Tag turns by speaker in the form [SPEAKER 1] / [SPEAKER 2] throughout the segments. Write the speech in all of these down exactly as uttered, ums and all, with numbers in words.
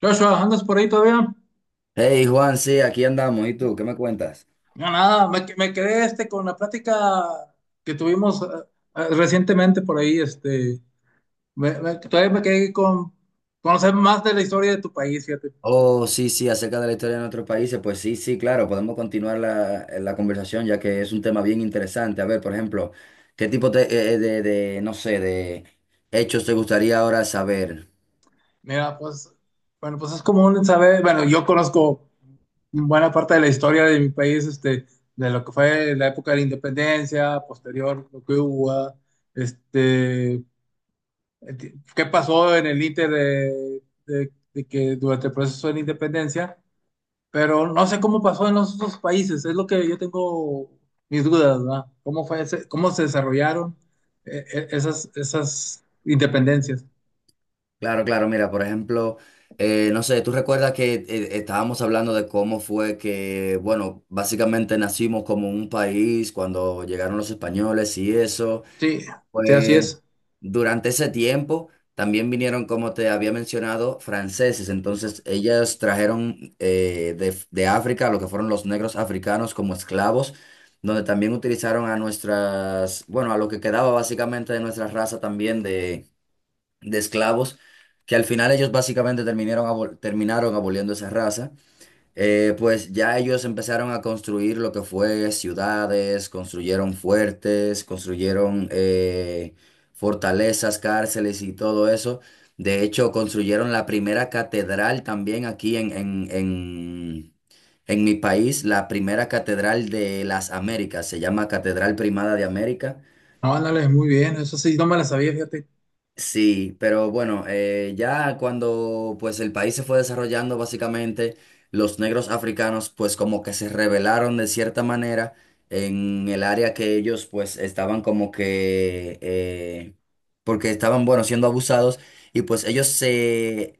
[SPEAKER 1] Joshua, ¿andas por ahí todavía?
[SPEAKER 2] Hey Juan, sí, aquí andamos. ¿Y tú? ¿Qué me cuentas?
[SPEAKER 1] No, nada, me, que- me quedé este, con la plática que tuvimos eh, eh, recientemente por ahí. Este, me- me- todavía me quedé con conocer más de la historia de tu país, fíjate.
[SPEAKER 2] Oh, sí, sí, acerca de la historia de nuestros países. Pues sí, sí, claro, podemos continuar la, la conversación ya que es un tema bien interesante. A ver, por ejemplo, ¿qué tipo de, eh, eh, de, de, no sé, de hechos te gustaría ahora saber?
[SPEAKER 1] Mira, pues, bueno, pues es común saber, bueno, yo conozco buena parte de la historia de mi país, este, de lo que fue la época de la independencia, posterior, lo que hubo, ah, este, eh, qué pasó en el íter de de- de que durante el proceso de la independencia. Pero no sé cómo pasó en los otros países, es lo que yo tengo mis dudas, ¿verdad? ¿Cómo fue ese- cómo se desarrollaron eh, eh, esas, esas independencias?
[SPEAKER 2] Claro, claro, mira, por ejemplo, eh, no sé, tú recuerdas que eh, estábamos hablando de cómo fue que, bueno, básicamente nacimos como un país cuando llegaron los españoles y eso.
[SPEAKER 1] Sí, sí, así
[SPEAKER 2] Pues
[SPEAKER 1] es.
[SPEAKER 2] durante ese tiempo también vinieron, como te había mencionado, franceses. Entonces ellas trajeron eh, de, de África lo que fueron los negros africanos como esclavos, donde también utilizaron a nuestras, bueno, a lo que quedaba básicamente de nuestra raza también de, de esclavos, que al final ellos básicamente terminaron, abol- terminaron aboliendo esa raza. Eh, pues ya ellos empezaron a construir lo que fue ciudades, construyeron fuertes, construyeron eh, fortalezas, cárceles y todo eso. De hecho, construyeron la primera catedral también aquí en, en, en, en mi país, la primera catedral de las Américas, se llama Catedral Primada de América.
[SPEAKER 1] No, ándale, muy bien, eso sí, no me la sabía, fíjate.
[SPEAKER 2] Sí, pero bueno, eh, ya cuando pues el país se fue desarrollando, básicamente los negros africanos pues como que se rebelaron de cierta manera en el área que ellos pues estaban como que, eh, porque estaban, bueno, siendo abusados y pues ellos se,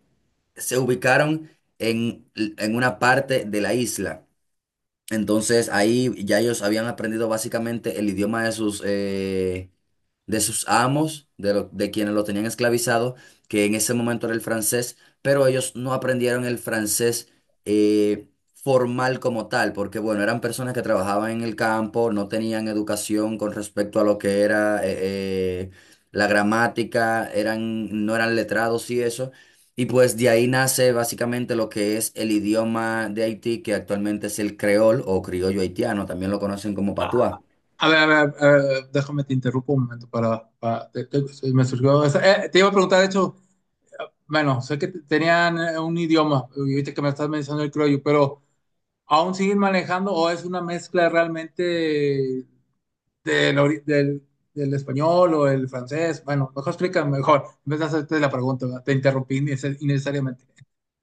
[SPEAKER 2] se ubicaron en, en una parte de la isla. Entonces ahí ya ellos habían aprendido básicamente el idioma de sus, eh, de sus amos, de, lo- de quienes lo tenían esclavizado, que en ese momento era el francés, pero ellos no aprendieron el francés eh, formal como tal, porque bueno, eran personas que trabajaban en el campo, no tenían educación con respecto a lo que era eh, eh, la gramática, eran, no eran letrados y eso. Y pues de ahí nace básicamente lo que es el idioma de Haití, que actualmente es el creol o criollo haitiano, también lo conocen como patuá.
[SPEAKER 1] A a ver, a ver, a ver, déjame te interrumpo un momento para, para- te, te- se me surgió esa- eh, te iba a preguntar, de hecho, eh, bueno, sé que te- tenían eh, un idioma, y ahorita que me estás mencionando el criollo, pero ¿aún siguen manejando o es una mezcla realmente del, ori- del, del español o el francés? Bueno, mejor explícame mejor. En vez de hacerte la pregunta, ¿verdad? Te interrumpí innece- innecesariamente.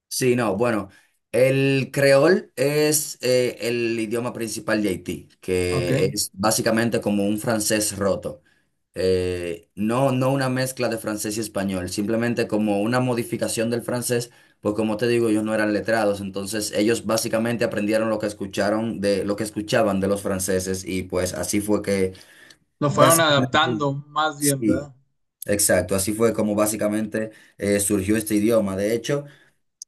[SPEAKER 2] Sí, no, bueno, el creol es eh, el idioma principal de Haití,
[SPEAKER 1] Ok.
[SPEAKER 2] que es básicamente como un francés roto. Eh, no, no una mezcla de francés y español, simplemente como una modificación del francés, pues como te digo, ellos no eran letrados, entonces ellos básicamente aprendieron lo que escucharon de lo que escuchaban de los franceses y pues así fue que
[SPEAKER 1] Lo fueron
[SPEAKER 2] básicamente,
[SPEAKER 1] adaptando más bien,
[SPEAKER 2] sí,
[SPEAKER 1] ¿verdad?
[SPEAKER 2] exacto. Así fue como básicamente eh, surgió este idioma. De hecho,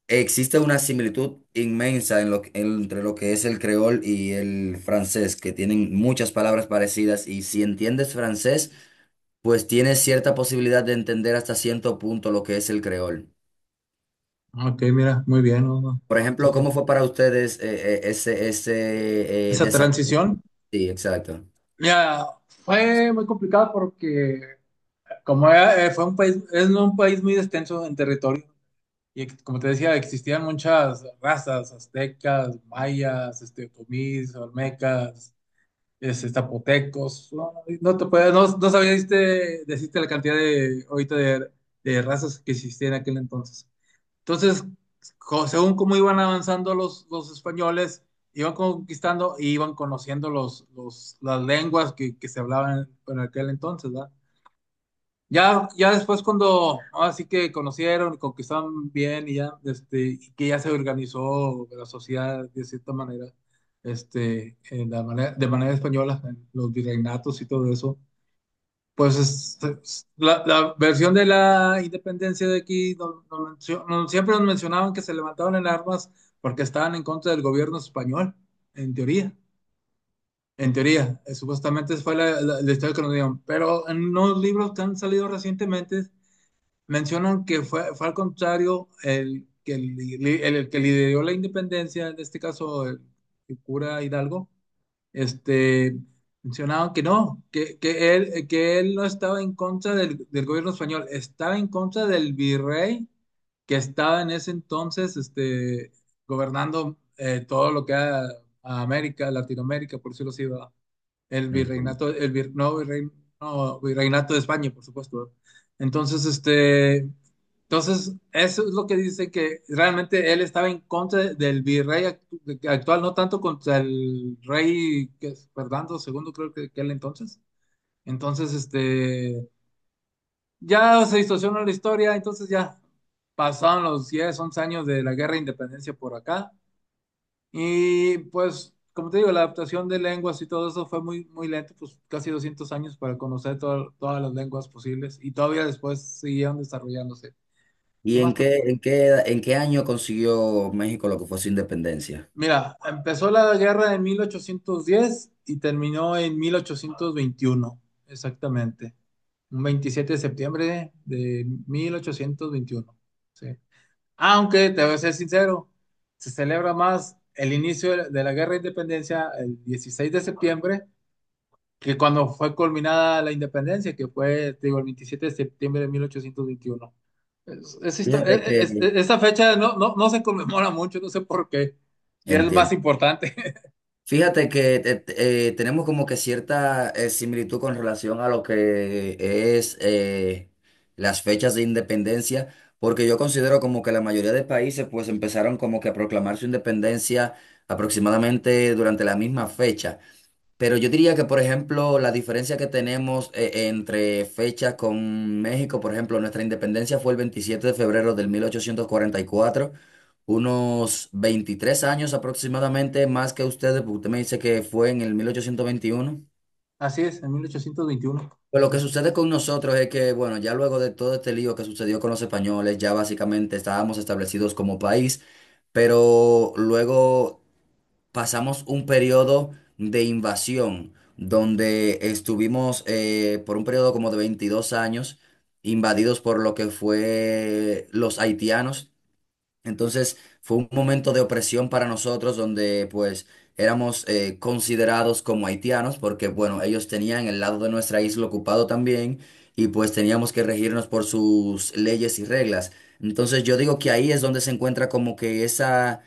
[SPEAKER 2] existe una similitud inmensa en lo que- entre lo que es el creol y el francés, que tienen muchas palabras parecidas y si entiendes francés, pues tienes cierta posibilidad de entender hasta cierto punto lo que es el creol.
[SPEAKER 1] Ok, mira, muy bien. ¿No? No.
[SPEAKER 2] Por ejemplo,
[SPEAKER 1] Entonces,
[SPEAKER 2] ¿cómo fue para ustedes eh, eh, ese, ese eh,
[SPEAKER 1] esa
[SPEAKER 2] desarrollo?
[SPEAKER 1] transición,
[SPEAKER 2] Sí, exacto.
[SPEAKER 1] mira, fue muy complicada porque como era- eh, fue un país, es no un país muy extenso en territorio. Y ex- como te decía, existían muchas razas, aztecas, mayas, este, otomís, olmecas, es, es zapotecos, no, no te puedes, no, no sabías de- decirte la cantidad de, ahorita de, de razas que existían en aquel entonces. Entonces, co- según cómo iban avanzando los, los españoles, iban conquistando y iban conociendo los, los, las lenguas que, que se hablaban en aquel entonces, ¿verdad? Ya, ya después cuando así que conocieron, y conquistaron bien y ya, este, y que ya se organizó la sociedad de cierta manera, este, en la manera, de manera española, en los virreinatos y todo eso, pues es- es- la, la versión de la independencia de aquí, no- no mencio- no- siempre nos mencionaban que se levantaban en armas porque estaban en contra del gobierno español, en teoría. En teoría, eh, supuestamente esa fue la, la- la historia que nos dieron, pero en unos libros que han salido recientemente mencionan que fue, fue al contrario el que, el, el que lideró la independencia, en este caso el, el cura Hidalgo, este, mencionaban que no, que, que él, que él no estaba en contra del, del gobierno español, estaba en contra del virrey que estaba en ese entonces, este, gobernando eh, todo lo que era a América, Latinoamérica, por decirlo así, ¿verdad? El
[SPEAKER 2] Entiendo.
[SPEAKER 1] virreinato, el vir- no, virrein- no, virreinato de España, por supuesto. Entonces, este, entonces, eso es lo que dice que realmente él estaba en contra del virrey act- actual, no tanto contra el rey que es Fernando segundo, creo que, que él entonces. Entonces, este, ya se distorsionó la historia, entonces ya pasaron los diez once años de la guerra de independencia por acá. Y pues, como te digo, la adaptación de lenguas y todo eso fue muy, muy lento, pues casi doscientos años para conocer to- todas las lenguas posibles y todavía después siguieron desarrollándose. ¿Qué
[SPEAKER 2] ¿Y en
[SPEAKER 1] más te-
[SPEAKER 2] qué, en qué, en qué año consiguió México lo que fue su independencia?
[SPEAKER 1] Mira, empezó la guerra en mil ochocientos diez y terminó en mil ochocientos veintiuno exactamente. Un veintisiete de septiembre de mil ochocientos veintiuno. Sí. Aunque, te voy a ser sincero, se celebra más el inicio de la de la guerra de independencia el dieciséis de septiembre que cuando fue culminada la independencia, que fue, te digo, el veintisiete de septiembre de mil ochocientos veintiuno. Es- es histo-
[SPEAKER 2] Fíjate
[SPEAKER 1] es- es-
[SPEAKER 2] que,
[SPEAKER 1] e, esa fecha no, no, no se conmemora mucho, no sé por qué, que es más
[SPEAKER 2] entiendo.
[SPEAKER 1] importante.
[SPEAKER 2] Fíjate que te- te- eh, tenemos como que cierta eh, similitud con relación a lo que es eh, las fechas de independencia, porque yo considero como que la mayoría de países pues empezaron como que a proclamar su independencia aproximadamente durante la misma fecha. Pero yo diría que, por ejemplo, la diferencia que tenemos eh, entre fechas con México, por ejemplo, nuestra independencia fue el veintisiete de febrero del mil ochocientos cuarenta y cuatro, unos veintitrés años aproximadamente más que ustedes, porque usted me dice que fue en el mil ochocientos veintiuno.
[SPEAKER 1] Así es, en mil ochocientos veintiuno.
[SPEAKER 2] Pero lo que
[SPEAKER 1] Es-
[SPEAKER 2] sucede con nosotros es que, bueno, ya luego de todo este lío que sucedió con los españoles, ya básicamente estábamos establecidos como país, pero luego pasamos un periodo de invasión donde estuvimos eh, por un periodo como de veintidós años invadidos por lo que fue los haitianos, entonces fue un momento de opresión para nosotros donde pues éramos eh, considerados como haitianos porque bueno, ellos tenían el lado de nuestra isla ocupado también y pues teníamos que regirnos por sus leyes y reglas. Entonces yo digo que ahí es donde se encuentra como que esa,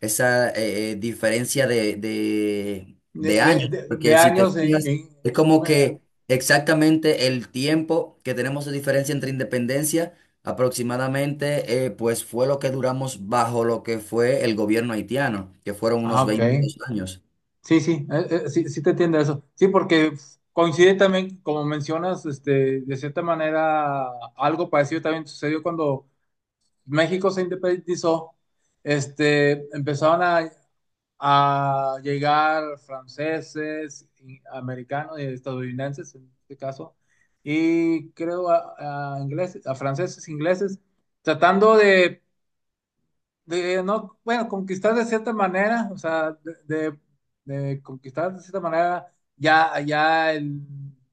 [SPEAKER 2] esa eh, eh, diferencia de, de,
[SPEAKER 1] De,
[SPEAKER 2] de
[SPEAKER 1] de-
[SPEAKER 2] años,
[SPEAKER 1] de- de
[SPEAKER 2] porque si te
[SPEAKER 1] años en,
[SPEAKER 2] fijas,
[SPEAKER 1] en-
[SPEAKER 2] es como
[SPEAKER 1] bueno,
[SPEAKER 2] que exactamente el tiempo que tenemos de diferencia entre independencia. Aproximadamente, eh, pues fue lo que duramos bajo lo que fue el gobierno haitiano, que fueron
[SPEAKER 1] ah,
[SPEAKER 2] unos
[SPEAKER 1] ok.
[SPEAKER 2] veintidós años.
[SPEAKER 1] Sí, sí, eh, eh, sí, sí te entiendo eso. Sí, porque coincide también, como mencionas, este, de cierta manera, algo parecido también sucedió cuando México se independizó, este, empezaron a, a llegar franceses, y americanos y estadounidenses en este caso, y creo a, a ingleses, a franceses, ingleses, tratando de de no, bueno, conquistar de cierta manera, o sea, de, de- de conquistar de cierta manera ya, ya el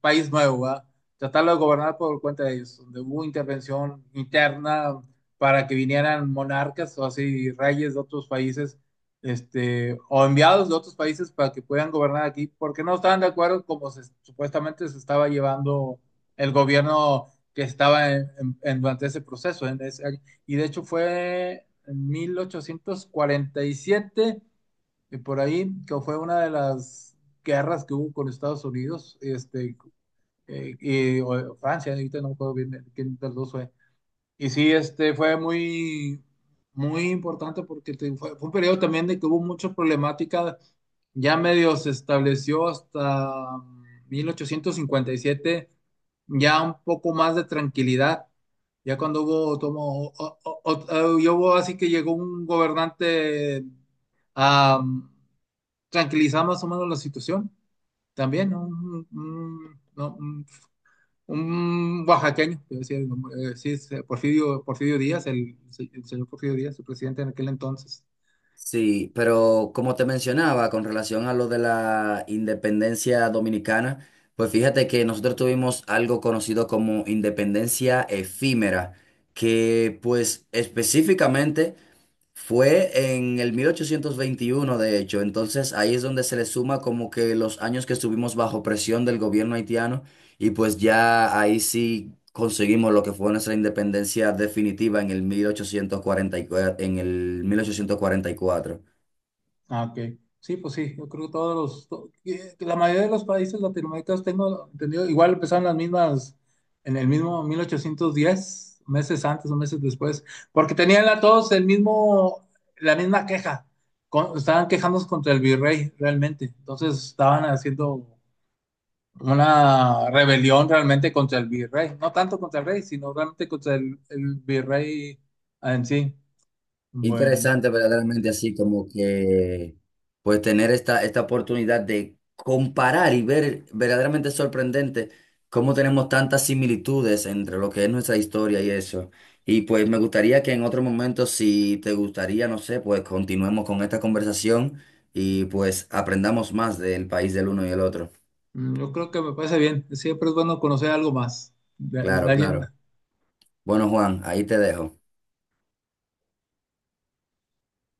[SPEAKER 1] país nuevo, ¿verdad? Tratarlo de gobernar por cuenta de ellos, donde hubo intervención interna para que vinieran monarcas o así reyes de otros países, este, o enviados de otros países para que puedan gobernar aquí, porque no estaban de acuerdo como se- supuestamente se estaba llevando el gobierno que estaba en- en- en- durante ese proceso, en ese año, y de hecho fue en mil ochocientos cuarenta y siete, y siete, y por ahí, que fue una de las guerras que hubo con Estados Unidos, este, eh, y, o Francia, ahorita no me acuerdo bien eh, quién de los dos fue, y sí, este fue muy, muy importante porque te- fue, fue un periodo también de que hubo muchas problemáticas. Ya medio se estableció hasta mil ochocientos cincuenta y siete, ya un poco más de tranquilidad. Ya cuando hubo, tomo, o- o- o- y hubo así que llegó un gobernante a tranquilizar más o menos la situación. También, ¿no? Un- un- no, un oaxaqueño, que decía el nombre, eh, sí, es, eh, Porfirio, Porfirio Díaz, el, el señor Porfirio Díaz, su presidente en aquel entonces.
[SPEAKER 2] Sí, pero como te mencionaba, con relación a lo de la independencia dominicana, pues fíjate que nosotros tuvimos algo conocido como independencia efímera, que pues específicamente fue en el mil ochocientos veintiuno, de hecho, entonces ahí es donde se le suma como que los años que estuvimos bajo presión del gobierno haitiano y pues ya ahí sí conseguimos lo que fue nuestra independencia definitiva en el mil ochocientos cuarenta y cuatro, en el mil ochocientos cuarenta y cuatro.
[SPEAKER 1] Ah, ok. Sí, pues sí, yo creo que todos los, to- que- que la mayoría de los países latinoamericanos tengo entendido, igual empezaron las mismas, en el mismo mil ochocientos diez meses antes o meses después, porque tenían la- todos el mismo, la misma queja, con- estaban quejándose contra el virrey realmente, entonces estaban haciendo una rebelión realmente contra el virrey, no tanto contra el rey, sino realmente contra el, el virrey en sí. Bueno,
[SPEAKER 2] Interesante verdaderamente, así como que pues tener esta, esta oportunidad de comparar y ver verdaderamente sorprendente cómo tenemos tantas similitudes entre lo que es nuestra historia y eso. Y pues me gustaría que en otro momento, si te gustaría, no sé, pues continuemos con esta conversación y pues aprendamos más del país del uno y el otro.
[SPEAKER 1] mm, yo creo que me parece bien, siempre es bueno conocer algo más de, de
[SPEAKER 2] Claro,
[SPEAKER 1] alguien.
[SPEAKER 2] claro. Bueno, Juan, ahí te dejo.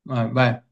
[SPEAKER 1] Ah, vale.